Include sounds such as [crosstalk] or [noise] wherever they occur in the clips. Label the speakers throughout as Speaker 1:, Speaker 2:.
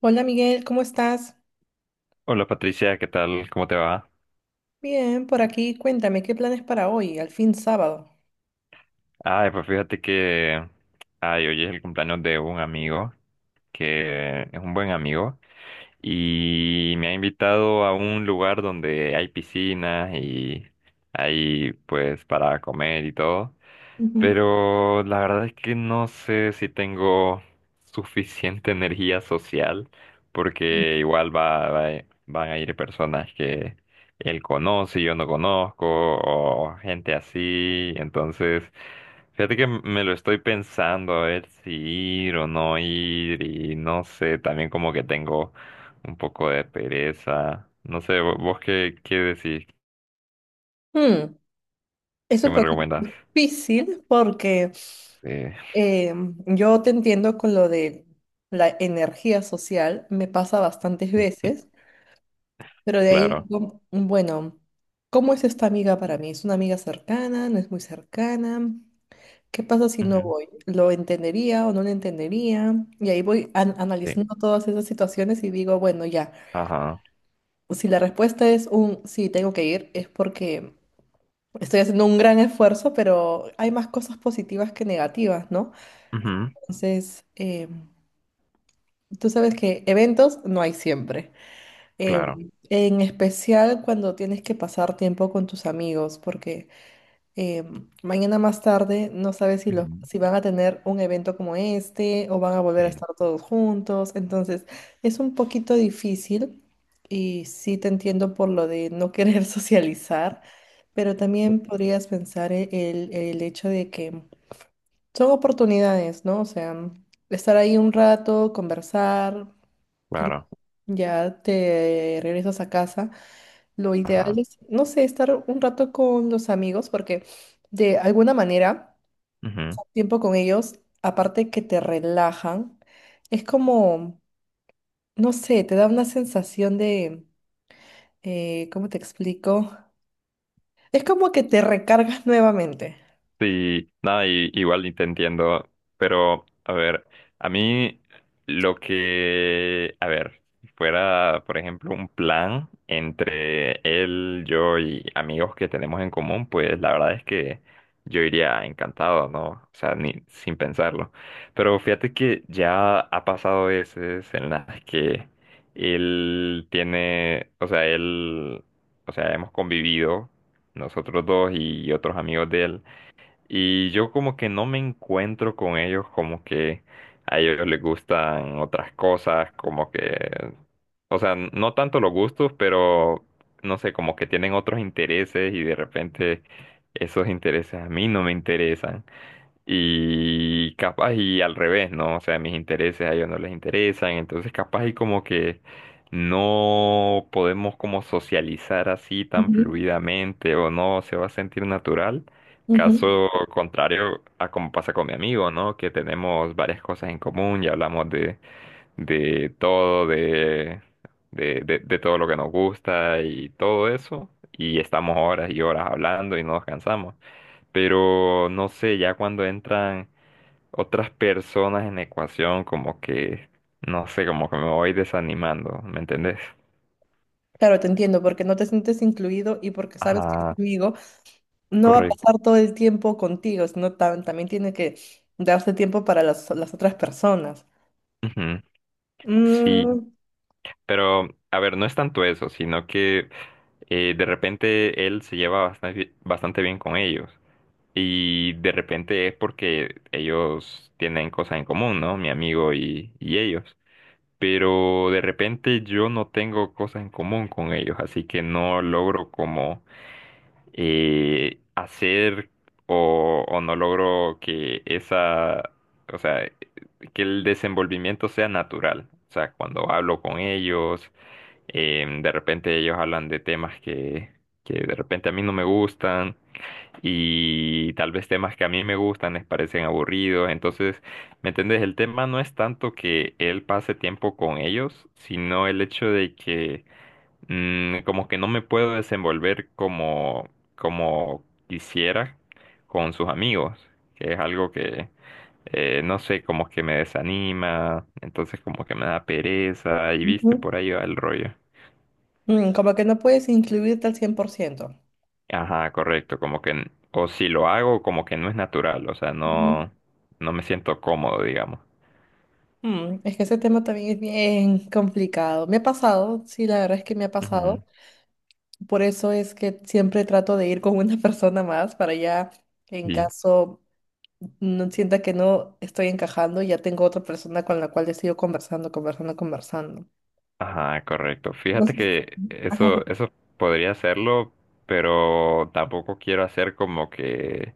Speaker 1: Hola Miguel, ¿cómo estás?
Speaker 2: Hola Patricia, ¿qué tal? ¿Cómo te va?
Speaker 1: Bien, por aquí. Cuéntame, ¿qué planes para hoy, al fin sábado?
Speaker 2: Ay, pues fíjate que... Ay, hoy es el cumpleaños de un amigo, que es un buen amigo, y me ha invitado a un lugar donde hay piscinas y hay pues para comer y todo.
Speaker 1: Ujú.
Speaker 2: Pero la verdad es que no sé si tengo suficiente [laughs] energía social, porque igual van a ir personas que él conoce y yo no conozco, o gente así. Entonces, fíjate que me lo estoy pensando a ver si ir o no ir, y no sé, también como que tengo un poco de pereza. No sé, ¿vos qué decís?
Speaker 1: Mm, es
Speaker 2: ¿Qué
Speaker 1: un
Speaker 2: me
Speaker 1: poquito
Speaker 2: recomendás?
Speaker 1: difícil porque
Speaker 2: Sí,
Speaker 1: eh, yo te entiendo con lo de la energía social, me pasa bastantes veces, pero de ahí
Speaker 2: claro.
Speaker 1: digo, bueno, ¿cómo es esta amiga para mí? ¿Es una amiga cercana? ¿No es muy cercana? ¿Qué pasa si no
Speaker 2: Ujú.
Speaker 1: voy? ¿Lo entendería o no lo entendería? Y ahí voy
Speaker 2: Sí.
Speaker 1: analizando todas esas situaciones y digo, bueno, ya.
Speaker 2: Ajá.
Speaker 1: Si la respuesta es un sí, tengo que ir, es porque estoy haciendo un gran esfuerzo, pero hay más cosas positivas que negativas, ¿no?
Speaker 2: Ujú,
Speaker 1: Entonces, tú sabes que eventos no hay siempre. Eh,
Speaker 2: claro.
Speaker 1: en especial cuando tienes que pasar tiempo con tus amigos, porque eh, mañana más tarde, no sabes
Speaker 2: Ujú,
Speaker 1: si van a tener un evento como este o van a volver a
Speaker 2: sí.
Speaker 1: estar todos juntos. Entonces, es un poquito difícil y sí te entiendo por lo de no querer [laughs] socializar, pero también podrías pensar el hecho de que son oportunidades, ¿no? O sea, estar ahí un rato, conversar y
Speaker 2: Claro.
Speaker 1: ya te regresas a casa. Lo ideal
Speaker 2: Ajá.
Speaker 1: es, no sé, estar un rato con los amigos porque de alguna manera,
Speaker 2: Ujú.
Speaker 1: tiempo con ellos, aparte que te relajan, es como, no sé, te da una sensación de, ¿cómo te explico? Es como que te recargas [laughs] nuevamente.
Speaker 2: Sí, nada, igual y te entiendo, pero a ver, a mí lo que, a ver, si fuera, por ejemplo, un plan entre él, yo y amigos que tenemos en común, pues la verdad es que yo iría encantado, ¿no? O sea, ni sin pensarlo. Pero fíjate que ya ha pasado veces en las que él tiene, o sea, él, o sea, hemos convivido nosotros dos y otros amigos de él. Y yo como que no me encuentro con ellos, como que a ellos les gustan otras cosas, como que, o sea, no tanto los gustos, pero no sé, como que tienen otros intereses y de repente esos intereses a mí no me interesan. Y capaz y al revés, ¿no? O sea, mis intereses a ellos no les interesan, entonces capaz y como que no podemos como socializar así tan
Speaker 1: Ujú.
Speaker 2: fluidamente o no se va a sentir natural.
Speaker 1: Ujú.
Speaker 2: Caso contrario a como pasa con mi amigo, ¿no? Que tenemos varias cosas en común y hablamos de todo, de todo lo que nos gusta y todo eso. Y estamos horas y horas hablando y no nos cansamos. Pero no sé, ya cuando entran otras personas en la ecuación, como que, no sé, como que me voy desanimando, ¿me entendés?
Speaker 1: Claro, te entiendo, porque no te sientes incluido y porque sabes que el
Speaker 2: Ajá,
Speaker 1: amigo no va a
Speaker 2: correcto.
Speaker 1: pasar todo el tiempo contigo, sino también tiene que darse tiempo para las otras personas.
Speaker 2: Ujú, sí,
Speaker 1: Mm,
Speaker 2: pero a ver, no es tanto eso, sino que de repente él se lleva bastante, bastante bien con ellos. Y de repente es porque ellos tienen cosas en común, ¿no? Mi amigo y ellos. Pero de repente yo no tengo cosas en común con ellos, así que no logro como hacer o no logro que esa, o sea, que el desenvolvimiento sea natural. O sea, cuando hablo con ellos, de repente ellos hablan de temas que de repente a mí no me gustan y tal vez temas que a mí me gustan les parecen aburridos. Entonces, ¿me entendés? El tema no es tanto que él pase tiempo con ellos, sino el hecho de que como que no me puedo desenvolver como, como quisiera con sus amigos, que es algo que, no sé, como que me desanima, entonces como que me da pereza y
Speaker 1: ujú.
Speaker 2: viste, por ahí va el rollo.
Speaker 1: Como que no puedes incluirte al 100%.
Speaker 2: Ajá, correcto, como que, o si lo hago, como que no es natural, o sea,
Speaker 1: Ujú.
Speaker 2: no, no me siento cómodo, digamos.
Speaker 1: Es que ese tema también es bien complicado. Me ha pasado, sí, la verdad es que me ha
Speaker 2: Ujú,
Speaker 1: pasado. Por eso es que siempre trato de ir con una [laughs] persona más para ya, en
Speaker 2: sí.
Speaker 1: caso no sienta que no estoy encajando, ya tengo otra persona con la cual he sido conversando, conversando, conversando.
Speaker 2: Ajá, correcto. Fíjate
Speaker 1: Entonces,
Speaker 2: que
Speaker 1: ajá,
Speaker 2: eso podría hacerlo, pero tampoco quiero hacer como que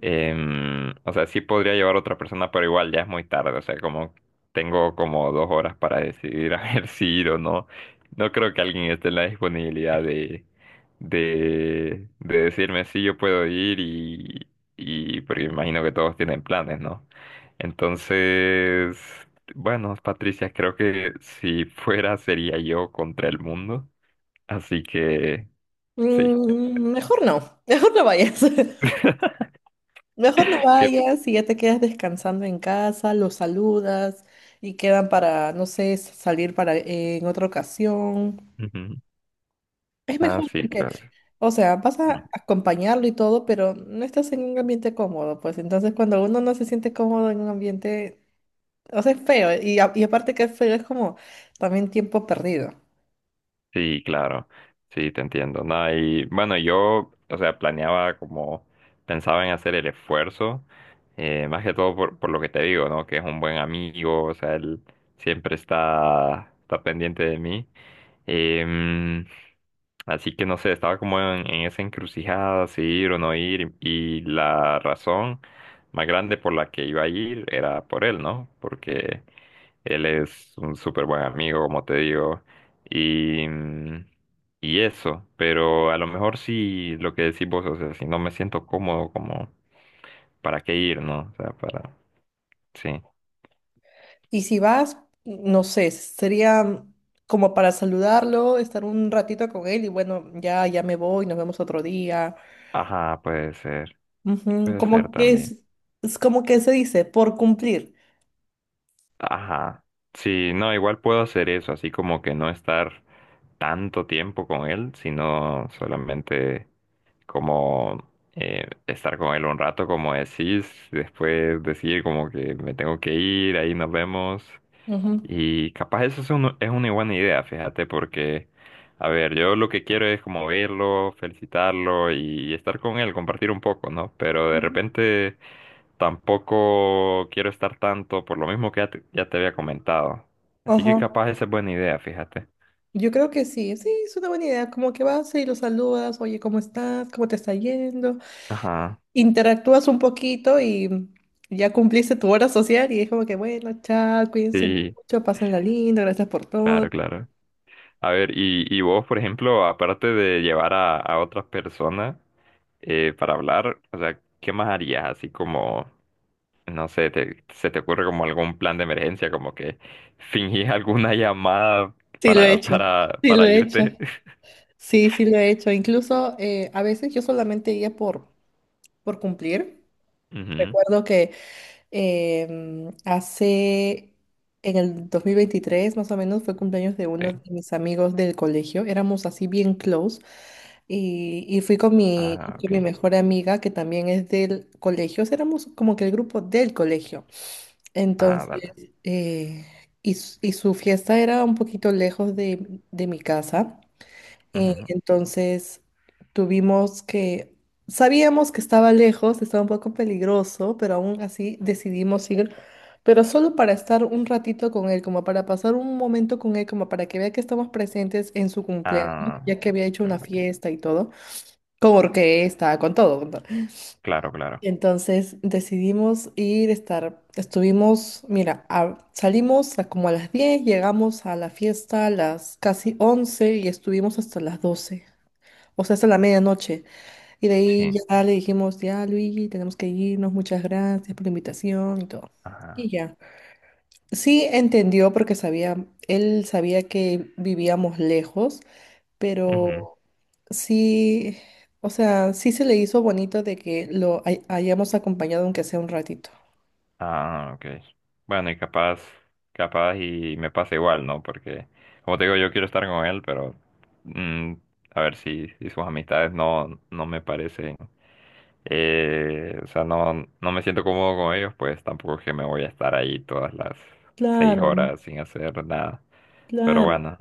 Speaker 2: O sea, sí podría llevar otra persona, pero igual ya es muy tarde. O sea, como tengo como 2 horas para decidir [laughs] a ver si ir o no. No creo que alguien esté en la disponibilidad de decirme si yo puedo ir y porque imagino que todos tienen planes, ¿no? Entonces, bueno, Patricia, creo que si fuera sería yo contra el mundo. Así que sí.
Speaker 1: Mejor no, [laughs] mejor no vayas. [laughs]
Speaker 2: [laughs]
Speaker 1: Mejor no
Speaker 2: Que-
Speaker 1: vayas y ya te quedas descansando en casa, los saludas y quedan para, no sé, salir para en otra ocasión.
Speaker 2: Ujú.
Speaker 1: Es
Speaker 2: Ah,
Speaker 1: mejor
Speaker 2: sí,
Speaker 1: porque,
Speaker 2: claro.
Speaker 1: o sea, vas a acompañarlo y todo, pero no estás en un ambiente cómodo, pues entonces cuando uno no se siente cómodo en un ambiente, o sea, es feo y aparte que es feo es como también tiempo perdido.
Speaker 2: Sí, claro, sí, te entiendo. No, y bueno, yo, o sea, planeaba como, pensaba en hacer el esfuerzo, más que todo por lo que te digo, ¿no? Que es un buen amigo, o sea, él siempre está, está pendiente de mí. Em, así que no sé, estaba como en esa encrucijada, si ir o no ir, y la razón más grande por la que iba a ir era por él, ¿no? Porque él es un súper buen amigo, como te digo, y, y eso, pero a lo mejor sí lo que decís vos, o sea, si no me siento cómodo, como, ¿para qué ir, no? O sea, para, sí.
Speaker 1: Y si vas, no sé, sería como para saludarlo, estar un ratito con él y bueno, ya, ya me voy, nos vemos otro día.
Speaker 2: Ajá,
Speaker 1: Ujú,
Speaker 2: puede ser
Speaker 1: como que
Speaker 2: también.
Speaker 1: es como que se dice, por cumplir.
Speaker 2: Ajá. Sí, no, igual puedo hacer eso, así como que no estar tanto tiempo con él, sino solamente como estar con él un rato, como decís, después decir como que me tengo que ir, ahí nos vemos.
Speaker 1: Ujú.
Speaker 2: Y capaz eso es, es una buena idea, fíjate, porque, a ver, yo lo que quiero es como verlo, felicitarlo y estar con él, compartir un poco, ¿no? Pero de
Speaker 1: Ujú.
Speaker 2: repente tampoco quiero estar tanto por lo mismo que ya te había comentado. Así que
Speaker 1: Ajá.
Speaker 2: capaz esa es buena idea, fíjate.
Speaker 1: Yo creo que sí, sí, es una buena idea. Como que vas y los saludas, oye, ¿cómo estás? ¿Cómo te está yendo?
Speaker 2: Ajá,
Speaker 1: Interactúas un poquito y ya cumpliste tu hora social y es como que, bueno, chao, cuídense
Speaker 2: sí,
Speaker 1: mucho, pásenla lindo, gracias por todo.
Speaker 2: claro, claro. A ver, y vos, por ejemplo, aparte de llevar a otras personas para hablar, o sea, ¿qué más harías? Así como... No sé, ¿se te ocurre como algún plan de emergencia, como que fingís [laughs] alguna llamada
Speaker 1: Sí, lo he hecho. Sí, lo
Speaker 2: para
Speaker 1: he hecho.
Speaker 2: irte?
Speaker 1: Sí, sí, lo he hecho. Incluso a veces yo solamente iba por cumplir.
Speaker 2: [laughs] Ujú,
Speaker 1: Recuerdo que Em, hace, en el 2023 más o menos, fue cumpleaños de uno de
Speaker 2: sí.
Speaker 1: mis amigos del colegio. Éramos así bien close. Y fui con mi,
Speaker 2: Ah,
Speaker 1: con
Speaker 2: ok.
Speaker 1: mi mejor amiga, que también es del colegio. O sea, éramos como que el grupo del colegio.
Speaker 2: Ah,
Speaker 1: Entonces,
Speaker 2: vale.
Speaker 1: eh, y su fiesta era un poquito lejos de mi casa.
Speaker 2: Ujú.
Speaker 1: Entonces tuvimos que, sabíamos que estaba lejos, estaba un poco peligroso, pero aún así decidimos ir, pero solo para estar un ratito con él, como para pasar un momento con él, como para que vea que estamos presentes en su cumpleaños,
Speaker 2: Ah,
Speaker 1: ya que había hecho una
Speaker 2: ok,
Speaker 1: fiesta y todo, con orquesta, con todo, con todo.
Speaker 2: claro, claro.
Speaker 1: Entonces decidimos ir, estuvimos, mira, salimos a como a las 10, llegamos a la fiesta a las casi 11 y estuvimos hasta las 12. O sea, hasta la medianoche. Y de ahí
Speaker 2: Sí.
Speaker 1: ya le dijimos, ya Luigi, tenemos que irnos, muchas gracias por la invitación y todo.
Speaker 2: Ajá.
Speaker 1: Y ya. Sí entendió porque sabía, él sabía que vivíamos lejos,
Speaker 2: Ujú.
Speaker 1: pero sí, o sea, sí se le hizo bonito de que lo hayamos acompañado aunque sea un ratito.
Speaker 2: Ah, ok. Bueno, y capaz, capaz y me pasa igual, ¿no? Porque, como te digo, yo quiero estar con él, pero mm, a ver si, si sus amistades no, no me parecen. O sea, no, no me siento cómodo con ellos, pues tampoco es que me voy a estar ahí todas las seis
Speaker 1: Claro,
Speaker 2: horas sin hacer nada. Pero
Speaker 1: claro.
Speaker 2: bueno,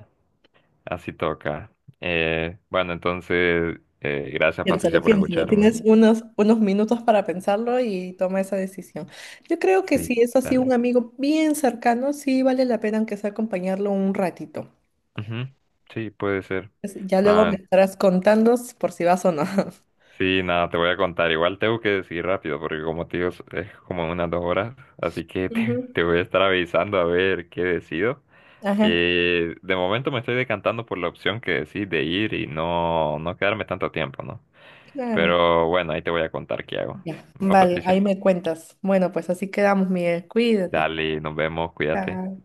Speaker 2: así toca. Bueno, entonces, gracias Patricia
Speaker 1: Piénsalo,
Speaker 2: por
Speaker 1: piénsalo.
Speaker 2: escucharme.
Speaker 1: Tienes unos minutos para pensarlo y toma esa decisión. Yo creo que si
Speaker 2: Sí,
Speaker 1: es así un
Speaker 2: dale.
Speaker 1: amigo bien cercano, sí vale la pena aunque sea acompañarlo un ratito.
Speaker 2: Ujú, sí, puede ser.
Speaker 1: Pues ya luego me
Speaker 2: Nada,
Speaker 1: estarás contando por si vas o no. [laughs]
Speaker 2: sí, nada, te voy a contar. Igual tengo que decir rápido, porque como te digo, es como unas 2 horas. Así que [laughs]
Speaker 1: Ujú.
Speaker 2: te voy a estar avisando a ver qué decido.
Speaker 1: Ajá,
Speaker 2: Y de momento me estoy decantando por la opción que decís de ir y no, no quedarme tanto tiempo, ¿no?
Speaker 1: claro.
Speaker 2: Pero bueno, ahí te voy a contar qué hago.
Speaker 1: Ya.
Speaker 2: Va,
Speaker 1: Vale,
Speaker 2: Patricia.
Speaker 1: ahí me cuentas. Bueno, pues así quedamos, Miguel. Cuídate.
Speaker 2: Dale, nos vemos, cuídate.
Speaker 1: Chao.